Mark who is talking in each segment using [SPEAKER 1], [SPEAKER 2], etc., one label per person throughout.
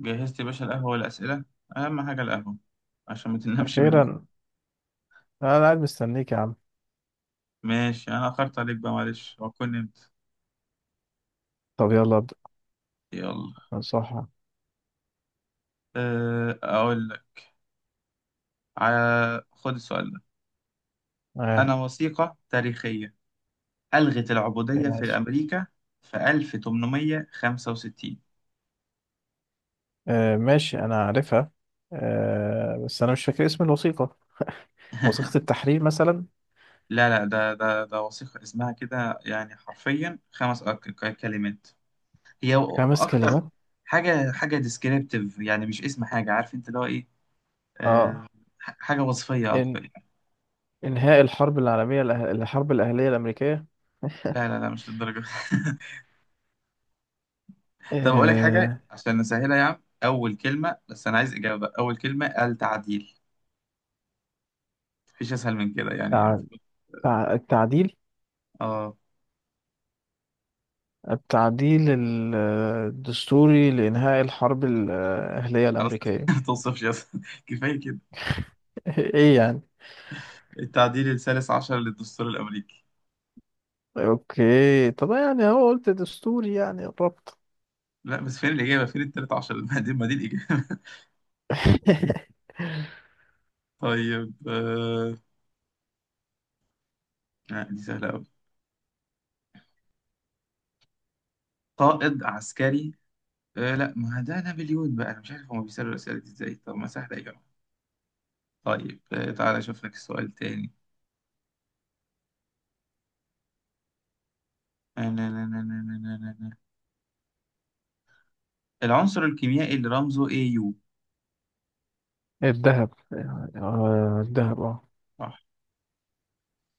[SPEAKER 1] جهزت يا باشا القهوة والأسئلة. أهم حاجة القهوة، عشان ما تنامش بالليل.
[SPEAKER 2] أخيرا. أنا قاعد مستنيك يا عم.
[SPEAKER 1] ماشي، أنا أخرت عليك بقى معلش، وأكون نمت.
[SPEAKER 2] طب يلا أبدأ.
[SPEAKER 1] يلا.
[SPEAKER 2] صح.
[SPEAKER 1] أقول لك. خد السؤال ده: أنا
[SPEAKER 2] آه.
[SPEAKER 1] وثيقة تاريخية ألغت
[SPEAKER 2] إيه،
[SPEAKER 1] العبودية في
[SPEAKER 2] ماشي.
[SPEAKER 1] أمريكا في 1865.
[SPEAKER 2] آه ماشي أنا عارفها. آه بس أنا مش فاكر اسم الوثيقة. وثيقة التحرير مثلا.
[SPEAKER 1] لا، لا، ده وثيقة اسمها كده يعني حرفيا خمس كلمات. هي
[SPEAKER 2] خمس
[SPEAKER 1] أكتر.
[SPEAKER 2] كلمات.
[SPEAKER 1] حاجة حاجة ديسكريبتيف يعني، مش اسم حاجة، عارف أنت اللي هو إيه.
[SPEAKER 2] آه،
[SPEAKER 1] أه، حاجة وصفية
[SPEAKER 2] إن
[SPEAKER 1] أكتر.
[SPEAKER 2] إنهاء الحرب العالمية الحرب الأهلية الأمريكية.
[SPEAKER 1] لا، لا، لا، مش للدرجة. طب أقول لك حاجة
[SPEAKER 2] آه.
[SPEAKER 1] عشان نسهلها يا عم: أول كلمة بس، أنا عايز إجابة، أول كلمة، التعديل. مفيش أسهل من كده يعني
[SPEAKER 2] تع...
[SPEAKER 1] المفروض.
[SPEAKER 2] التعديل.
[SPEAKER 1] آه.
[SPEAKER 2] التعديل ال- الدستوري لإنهاء الحرب الأهلية
[SPEAKER 1] خلاص.
[SPEAKER 2] الأمريكية.
[SPEAKER 1] ما توصفش، أسهل كفاية كده.
[SPEAKER 2] إيه يعني؟
[SPEAKER 1] التعديل الثالث عشر للدستور الأمريكي.
[SPEAKER 2] أوكي، طب يعني هو قلت دستوري يعني الربط.
[SPEAKER 1] لا بس فين الإجابة، فين التالت عشر؟ ما دي الإجابة. طيب لا دي سهلة أوي. قائد عسكري. آه لا، ما ده نابليون بقى. أنا مش عارف هما بيسألوا الأسئلة دي إزاي، طب ما سهلة يا جماعة. طيب تعالى أشوف لك سؤال تاني. العنصر الكيميائي اللي رمزه AU.
[SPEAKER 2] الذهب. آه، الذهب، اه.
[SPEAKER 1] صح.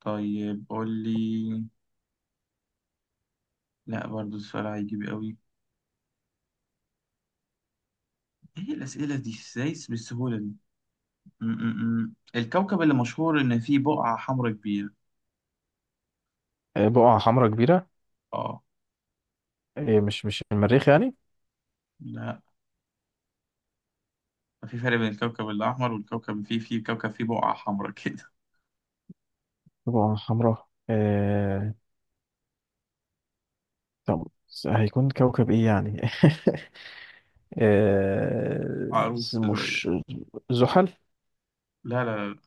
[SPEAKER 1] طيب قول لي، لا برضو السؤال هيجيب قوي. ايه الأسئلة دي ازاي بالسهولة دي؟ م -م -م. الكوكب اللي مشهور ان فيه بقعة حمراء كبيرة.
[SPEAKER 2] آه، بقعة حمراء كبيرة.
[SPEAKER 1] اه
[SPEAKER 2] آه، مش مش المريخ يعني.
[SPEAKER 1] لا، في فرق بين الكوكب الأحمر والكوكب اللي فيه كوكب فيه بقعة حمراء كده.
[SPEAKER 2] بقعة حمراء. آه، طب هيكون كوكب ايه يعني؟ آه،
[SPEAKER 1] معروف شوية.
[SPEAKER 2] مش زحل.
[SPEAKER 1] لا لا، لا،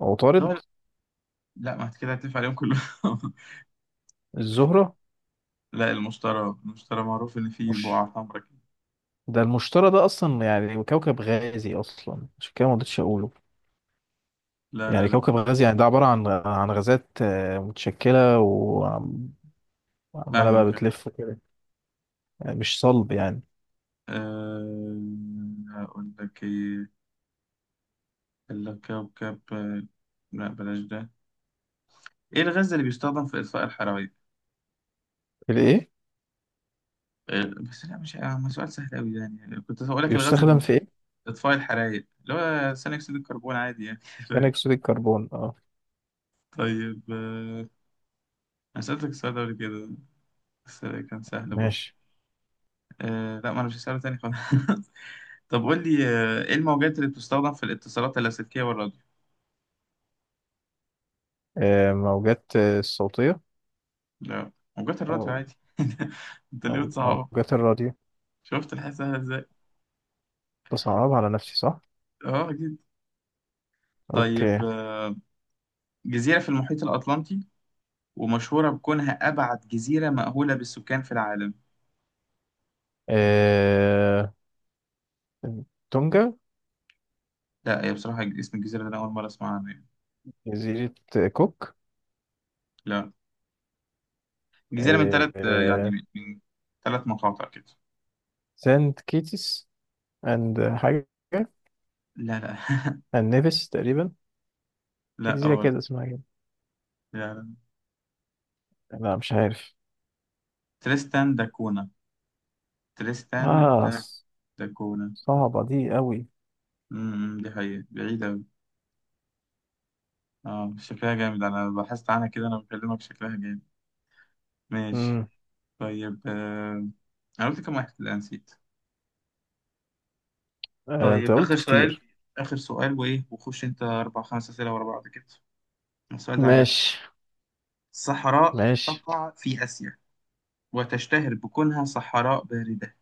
[SPEAKER 2] عطارد.
[SPEAKER 1] لا. لا ما كده هتلف عليهم كلهم.
[SPEAKER 2] الزهرة.
[SPEAKER 1] لا، المشتري. المشتري معروف ان فيه
[SPEAKER 2] مش،
[SPEAKER 1] بقعة حمراء كده.
[SPEAKER 2] ده المشتري ده اصلا يعني كوكب غازي اصلا عشان كده ما رضيتش اقوله.
[SPEAKER 1] لا، لا،
[SPEAKER 2] يعني
[SPEAKER 1] لا.
[SPEAKER 2] كوكب غازي، يعني ده عبارة عن غازات متشكلة وعمالة بقى
[SPEAKER 1] فاهمك.
[SPEAKER 2] بتلف كده، يعني مش صلب يعني.
[SPEAKER 1] أه... أقول لك إيه. الكوكب لا بلاش ده. ايه الغاز اللي بيستخدم في اطفاء الحرايق؟
[SPEAKER 2] الايه؟
[SPEAKER 1] بس لا مش ما سؤال سهل قوي يعني، كنت هقول لك الغاز اللي
[SPEAKER 2] بيستخدم في ايه؟
[SPEAKER 1] اطفاء الحرايق، اللي هو ثاني اكسيد الكربون، عادي يعني.
[SPEAKER 2] ثاني
[SPEAKER 1] فاهم؟
[SPEAKER 2] اكسيد الكربون، اه.
[SPEAKER 1] طيب انا سألتك السؤال ده قبل كده، بس كان سهل برضه.
[SPEAKER 2] ماشي.
[SPEAKER 1] لا ما انا مش هسأله تاني خالص. طب قول لي ايه الموجات اللي بتستخدم في الاتصالات اللاسلكية والراديو؟
[SPEAKER 2] آه موجات الصوتية.
[SPEAKER 1] لا، موجات الراديو
[SPEAKER 2] او،
[SPEAKER 1] عادي. انت ليه
[SPEAKER 2] مو-
[SPEAKER 1] بتصعبها؟
[SPEAKER 2] موجات الراديو.
[SPEAKER 1] شفت الحياة سهلة ازاي؟
[SPEAKER 2] بصعب على نفسي، صح.
[SPEAKER 1] اه اكيد.
[SPEAKER 2] اوكي.
[SPEAKER 1] طيب جزيرة في المحيط الأطلنطي ومشهورة بكونها أبعد جزيرة مأهولة بالسكان في العالم.
[SPEAKER 2] آه. تونجا.
[SPEAKER 1] لا، هي بصراحة اسم الجزيرة ده أنا أول مرة أسمع عنه يعني.
[SPEAKER 2] جزيرة كوك.
[SPEAKER 1] لا، جزيرة من
[SPEAKER 2] آه
[SPEAKER 1] ثلاث، يعني
[SPEAKER 2] آه،
[SPEAKER 1] من 3 مقاطع كده.
[SPEAKER 2] سانت كيتس اند حاجة.
[SPEAKER 1] لا، لا.
[SPEAKER 2] اند نيفيس تقريبا. في
[SPEAKER 1] لا،
[SPEAKER 2] جزيرة
[SPEAKER 1] أول.
[SPEAKER 2] كده اسمها كده.
[SPEAKER 1] لا، لا.
[SPEAKER 2] لا مش عارف.
[SPEAKER 1] تريستان داكونا. تريستان
[SPEAKER 2] اه
[SPEAKER 1] دا داكونا.
[SPEAKER 2] صعبة دي قوي.
[SPEAKER 1] دي حقيقة بعيدة أوي. اه شكلها جامد، أنا بحثت عنها كده، أنا بكلمك شكلها جامد. ماشي.
[SPEAKER 2] امم.
[SPEAKER 1] طيب أنا قلت كم واحد؟ لا نسيت.
[SPEAKER 2] آه انت
[SPEAKER 1] طيب
[SPEAKER 2] قلت
[SPEAKER 1] آخر سؤال،
[SPEAKER 2] كتير.
[SPEAKER 1] آخر سؤال وإيه، وخش أنت أربع خمس أسئلة ورا بعض كده. السؤال ده عجبني.
[SPEAKER 2] ماشي.
[SPEAKER 1] الصحراء
[SPEAKER 2] ماشي.
[SPEAKER 1] تقع في آسيا وتشتهر بكونها صحراء باردة،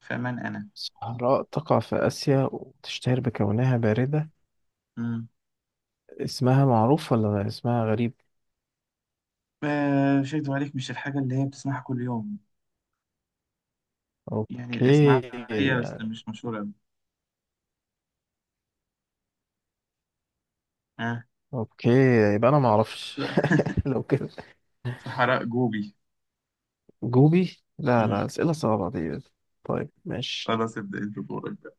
[SPEAKER 1] فمن أنا؟
[SPEAKER 2] صحراء تقع في آسيا وتشتهر بكونها باردة.
[SPEAKER 1] مم.
[SPEAKER 2] اسمها معروف ولا اسمها غريب؟
[SPEAKER 1] آه مش هكدب عليك، مش الحاجة اللي هي بتسمعها كل يوم. يعني الاسم
[SPEAKER 2] اوكي.
[SPEAKER 1] عدى عليا بس مش مشهور أوي. آه.
[SPEAKER 2] اوكي، يبقى انا ما اعرفش. لو كده
[SPEAKER 1] صحراء جوبي.
[SPEAKER 2] جوبي، لا
[SPEAKER 1] مم.
[SPEAKER 2] لا اسئله صعبه دي. طيب ماشي.
[SPEAKER 1] خلاص، ابدأ أنت دورك بقى.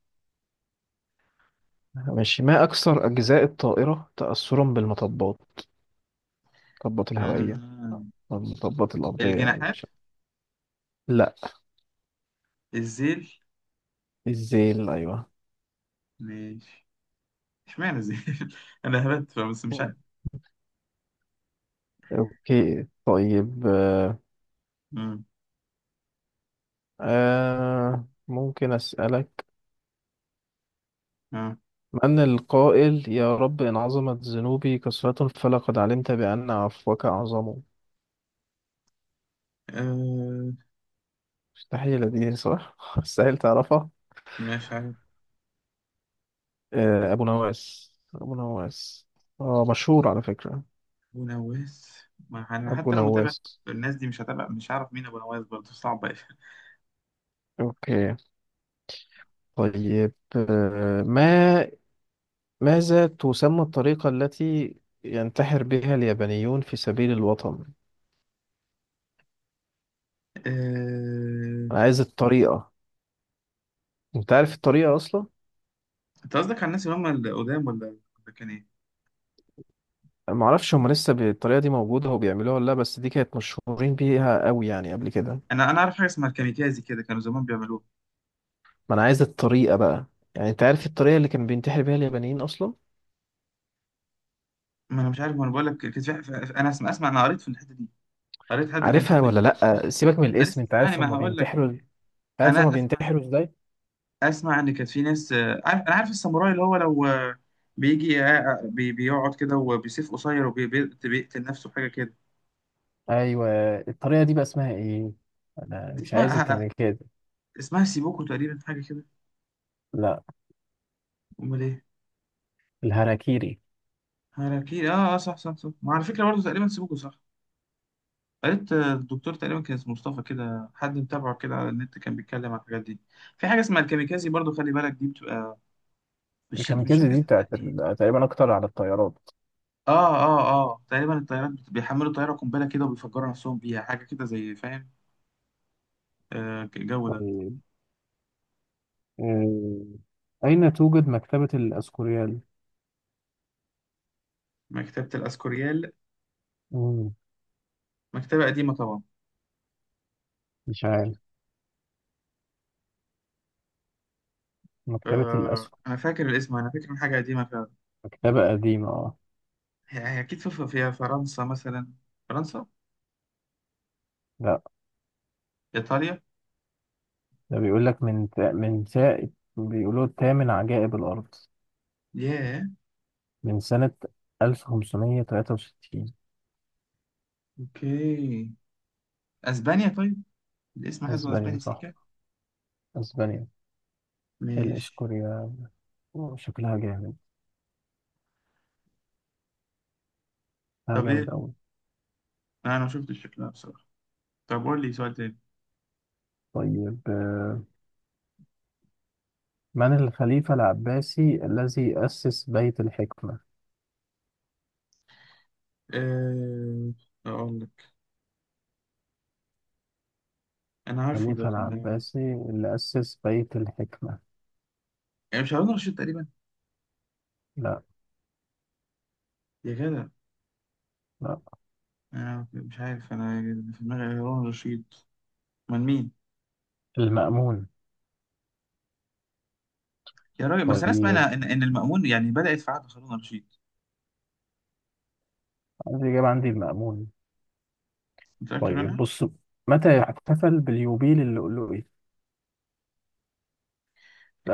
[SPEAKER 2] ماشي. ما اكثر اجزاء الطائره تاثرا بالمطبات؟ المطبات الهوائيه
[SPEAKER 1] مم.
[SPEAKER 2] أو المطبات الارضيه، يعني
[SPEAKER 1] الجناحات.
[SPEAKER 2] مش. لا.
[SPEAKER 1] الذيل.
[SPEAKER 2] الزيل، ايوه.
[SPEAKER 1] ماشي. اشمعنى الذيل؟ أنا هبت بس مش عارف.
[SPEAKER 2] اوكي طيب آه،
[SPEAKER 1] مم.
[SPEAKER 2] آه، ممكن اسالك:
[SPEAKER 1] آه.
[SPEAKER 2] من القائل يا رب إن عظمت ذنوبي كثرة فلقد علمت بأن عفوك أعظم؟
[SPEAKER 1] أه
[SPEAKER 2] مستحيل دي صح؟ مستحيل تعرفها.
[SPEAKER 1] مش عارف.
[SPEAKER 2] آه، أبو نواس، أبو نواس. آه مشهور على فكرة.
[SPEAKER 1] أبو نواس. ما أنا
[SPEAKER 2] أبو
[SPEAKER 1] حتى لو متابع
[SPEAKER 2] نواس.
[SPEAKER 1] الناس دي مش هتابع، مش هعرف مين أبو نواس، برضه صعبة أوي.
[SPEAKER 2] أوكي طيب آه، ما ماذا تسمى الطريقة التي ينتحر بها اليابانيون في سبيل الوطن؟
[SPEAKER 1] أه.
[SPEAKER 2] أنا عايز الطريقة. أنت عارف الطريقة أصلا؟
[SPEAKER 1] أنت قصدك على الناس اللي هم القدام، ولا كان إيه؟
[SPEAKER 2] ما اعرفش هم لسه بالطريقه دي موجوده وبيعملوها ولا لا، بس دي كانت مشهورين بيها قوي يعني قبل كده.
[SPEAKER 1] أنا أعرف حاجة اسمها الكاميكازي كده، كانوا زمان بيعملوها.
[SPEAKER 2] ما انا عايز الطريقه بقى. يعني انت عارف الطريقه اللي كان بينتحر بيها اليابانيين اصلا؟
[SPEAKER 1] ما أنا مش عارف، ما أنا بقول لك كان في أنا أسمع، أنا قريت في الحتة دي، قريت حد كان
[SPEAKER 2] عارفها
[SPEAKER 1] كاتب.
[SPEAKER 2] ولا لا؟ سيبك من
[SPEAKER 1] ده
[SPEAKER 2] الاسم،
[SPEAKER 1] لسه
[SPEAKER 2] انت
[SPEAKER 1] اسمعني
[SPEAKER 2] عارف
[SPEAKER 1] ما
[SPEAKER 2] هم
[SPEAKER 1] هقول لك.
[SPEAKER 2] بينتحروا؟ انت عارف هم
[SPEAKER 1] أنا أسمع.
[SPEAKER 2] بينتحروا ازاي؟
[SPEAKER 1] أسمع إن كانت في ناس، عارف، أنا عارف الساموراي، اللي هو لو بيجي بيقعد كده وبيسيف قصير وبيقتل نفسه، حاجة كده.
[SPEAKER 2] ايوه. الطريقه دي بقى اسمها ايه؟ انا
[SPEAKER 1] دي
[SPEAKER 2] مش عايز
[SPEAKER 1] اسمها
[SPEAKER 2] الكاميكازي.
[SPEAKER 1] اسمها سيبوكو تقريبا، حاجة كده.
[SPEAKER 2] لا،
[SPEAKER 1] أمال إيه؟
[SPEAKER 2] الهاراكيري.
[SPEAKER 1] هاراكيري. صح، صح، صح. ما على فكرة برضه تقريبا سيبوكو صح. قريت الدكتور تقريبا كان اسمه مصطفى كده، حد متابعه كده على النت، كان بيتكلم عن الحاجات دي. في حاجة اسمها الكاميكازي برضه، خلي بالك دي بتبقى... مش
[SPEAKER 2] الكاميكازي
[SPEAKER 1] فاكر
[SPEAKER 2] دي بتاعت
[SPEAKER 1] صدقني.
[SPEAKER 2] تقريبا اكتر على الطيارات.
[SPEAKER 1] تقريبا الطيارات بيحملوا طيارة قنبلة كده وبيفجروا نفسهم بيها، حاجة كده زي، فاهم؟ آه الجو ده.
[SPEAKER 2] طيب، آه، أين توجد مكتبة الأسكوريال؟
[SPEAKER 1] مكتبة الأسكوريال.
[SPEAKER 2] مم،
[SPEAKER 1] مكتبة قديمة طبعا.
[SPEAKER 2] مش عارف. مكتبة
[SPEAKER 1] آه أنا فاكر الاسم، أنا فاكر إن حاجة قديمة.
[SPEAKER 2] كتابة قديمة، اه.
[SPEAKER 1] هي هي أكيد في فيها فرنسا مثلا. فرنسا.
[SPEAKER 2] لا،
[SPEAKER 1] إيطاليا.
[SPEAKER 2] ده بيقول لك من من ساعة، بيقولوا تامن عجائب الأرض،
[SPEAKER 1] ياه.
[SPEAKER 2] من سنة 1563.
[SPEAKER 1] أوكي، أسبانيا طيب. الاسم حاسبه
[SPEAKER 2] أسبانيا
[SPEAKER 1] أسباني
[SPEAKER 2] صح.
[SPEAKER 1] سيكا.
[SPEAKER 2] أسبانيا.
[SPEAKER 1] ماشي.
[SPEAKER 2] الإسكوريا. أوه، شكلها جامد، شكلها
[SPEAKER 1] طب
[SPEAKER 2] جامد
[SPEAKER 1] إيه،
[SPEAKER 2] أوي.
[SPEAKER 1] أنا ما شفتش شكلها بصراحة. طب قول لي سؤال تاني.
[SPEAKER 2] طيب آه، من الخليفة العباسي الذي أسس بيت الحكمة؟
[SPEAKER 1] أه... أقول لك، أنا عارفه ده
[SPEAKER 2] الخليفة
[SPEAKER 1] كان،
[SPEAKER 2] العباسي اللي أسس بيت الحكمة.
[SPEAKER 1] يعني مش هارون رشيد تقريبا؟
[SPEAKER 2] لا.
[SPEAKER 1] يا جدع.
[SPEAKER 2] لا.
[SPEAKER 1] أنا مش عارف أنا، في دماغي هارون رشيد. من مين؟
[SPEAKER 2] المأمون.
[SPEAKER 1] يا راجل، بس أنا أسمع
[SPEAKER 2] طيب،
[SPEAKER 1] إن المأمون يعني بدأت في عهد هارون رشيد.
[SPEAKER 2] الإجابة عندي المأمون.
[SPEAKER 1] متأكد
[SPEAKER 2] طيب
[SPEAKER 1] منها؟
[SPEAKER 2] بص، متى يحتفل باليوبيل اللؤلؤي؟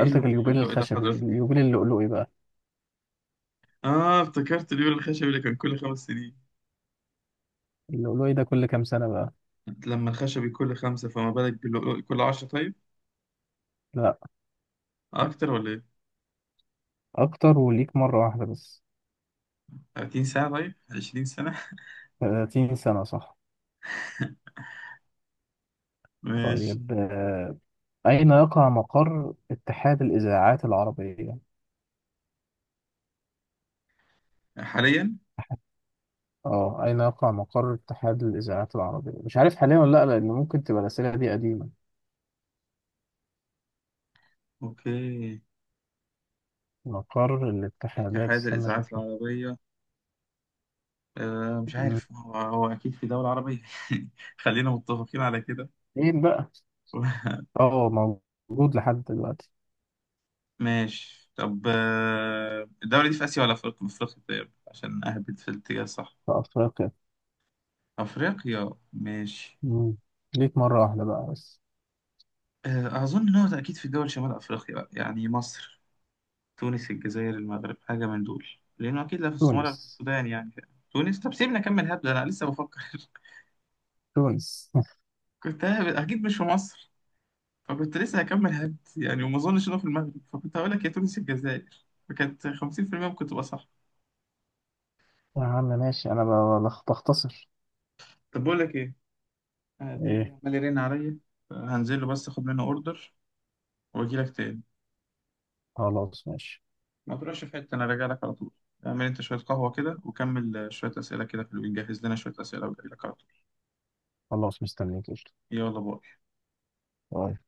[SPEAKER 1] إيه اللي
[SPEAKER 2] اليوبيل
[SPEAKER 1] اللي ده
[SPEAKER 2] الخشبي،
[SPEAKER 1] حضرتك؟
[SPEAKER 2] اليوبيل اللؤلؤي بقى.
[SPEAKER 1] آه افتكرت اليوم الخشب اللي كان كل 5 سنين.
[SPEAKER 2] اللؤلؤي ده كل كام سنة بقى؟
[SPEAKER 1] لما الخشبي كل خمسة، فما بالك كل عشرة طيب،
[SPEAKER 2] لا،
[SPEAKER 1] أكتر ولا إيه؟
[SPEAKER 2] أكتر، وليك مرة واحدة بس.
[SPEAKER 1] 30 ساعة، طيب 20 سنة.
[SPEAKER 2] 30 سنة، صح.
[SPEAKER 1] ماشي.
[SPEAKER 2] طيب آه، أين يقع مقر اتحاد الإذاعات العربية؟
[SPEAKER 1] حاليا.
[SPEAKER 2] اه أين يقع مقر اتحاد الإذاعات العربية؟ مش عارف حاليا ولا لأ، لأن ممكن تبقى الأسئلة دي قديمة.
[SPEAKER 1] أوكي.
[SPEAKER 2] مقر الاتحادات،
[SPEAKER 1] اتحاد
[SPEAKER 2] استنى
[SPEAKER 1] الإذاعات
[SPEAKER 2] أشوف لك.
[SPEAKER 1] العربية. أه مش
[SPEAKER 2] مم.
[SPEAKER 1] عارف، هو أكيد في دولة عربية. خلينا متفقين على كده.
[SPEAKER 2] فين بقى؟ اه، موجود لحد دلوقتي.
[SPEAKER 1] ماشي. طب الدولة دي في آسيا ولا في أفريقيا؟ في أفريقيا طيب، عشان أهبط في الاتجاه الصح.
[SPEAKER 2] في أفريقيا.
[SPEAKER 1] أفريقيا ماشي.
[SPEAKER 2] مم. ليك مرة واحدة بقى بس.
[SPEAKER 1] أظن إن هو أكيد في دول شمال أفريقيا بقى، يعني مصر، تونس، الجزائر، المغرب، حاجة من دول. لأنه أكيد لا في الصومال ولا في
[SPEAKER 2] تونس.
[SPEAKER 1] السودان يعني. تونس طب سيبني أكمل، هبد أنا لسه بفكر.
[SPEAKER 2] تونس.
[SPEAKER 1] كنت هبد، أكيد مش في مصر. فكنت لسه هكمل هبد يعني، وما أظنش إنه في المغرب، فكنت هقول لك يا تونس الجزائر، فكانت 50% ممكن تبقى صح.
[SPEAKER 2] يا عم ماشي، أنا بختصر.
[SPEAKER 1] طب بقول لك إيه، أنا الدليفري
[SPEAKER 2] إيه.
[SPEAKER 1] عمال يرن عليا. هنزل له بس أخد منه أوردر، وأجي لك تاني.
[SPEAKER 2] خلاص ماشي.
[SPEAKER 1] ما تروحش في حتة، أنا راجع لك على طول. اعمل أنت شوية قهوة كده وكمل شوية أسئلة كده في الويب، جهز لنا شوية أسئلة، وجاي لك على طول.
[SPEAKER 2] خلاص مستنيك، قشطة.
[SPEAKER 1] يلا، باي.
[SPEAKER 2] باي.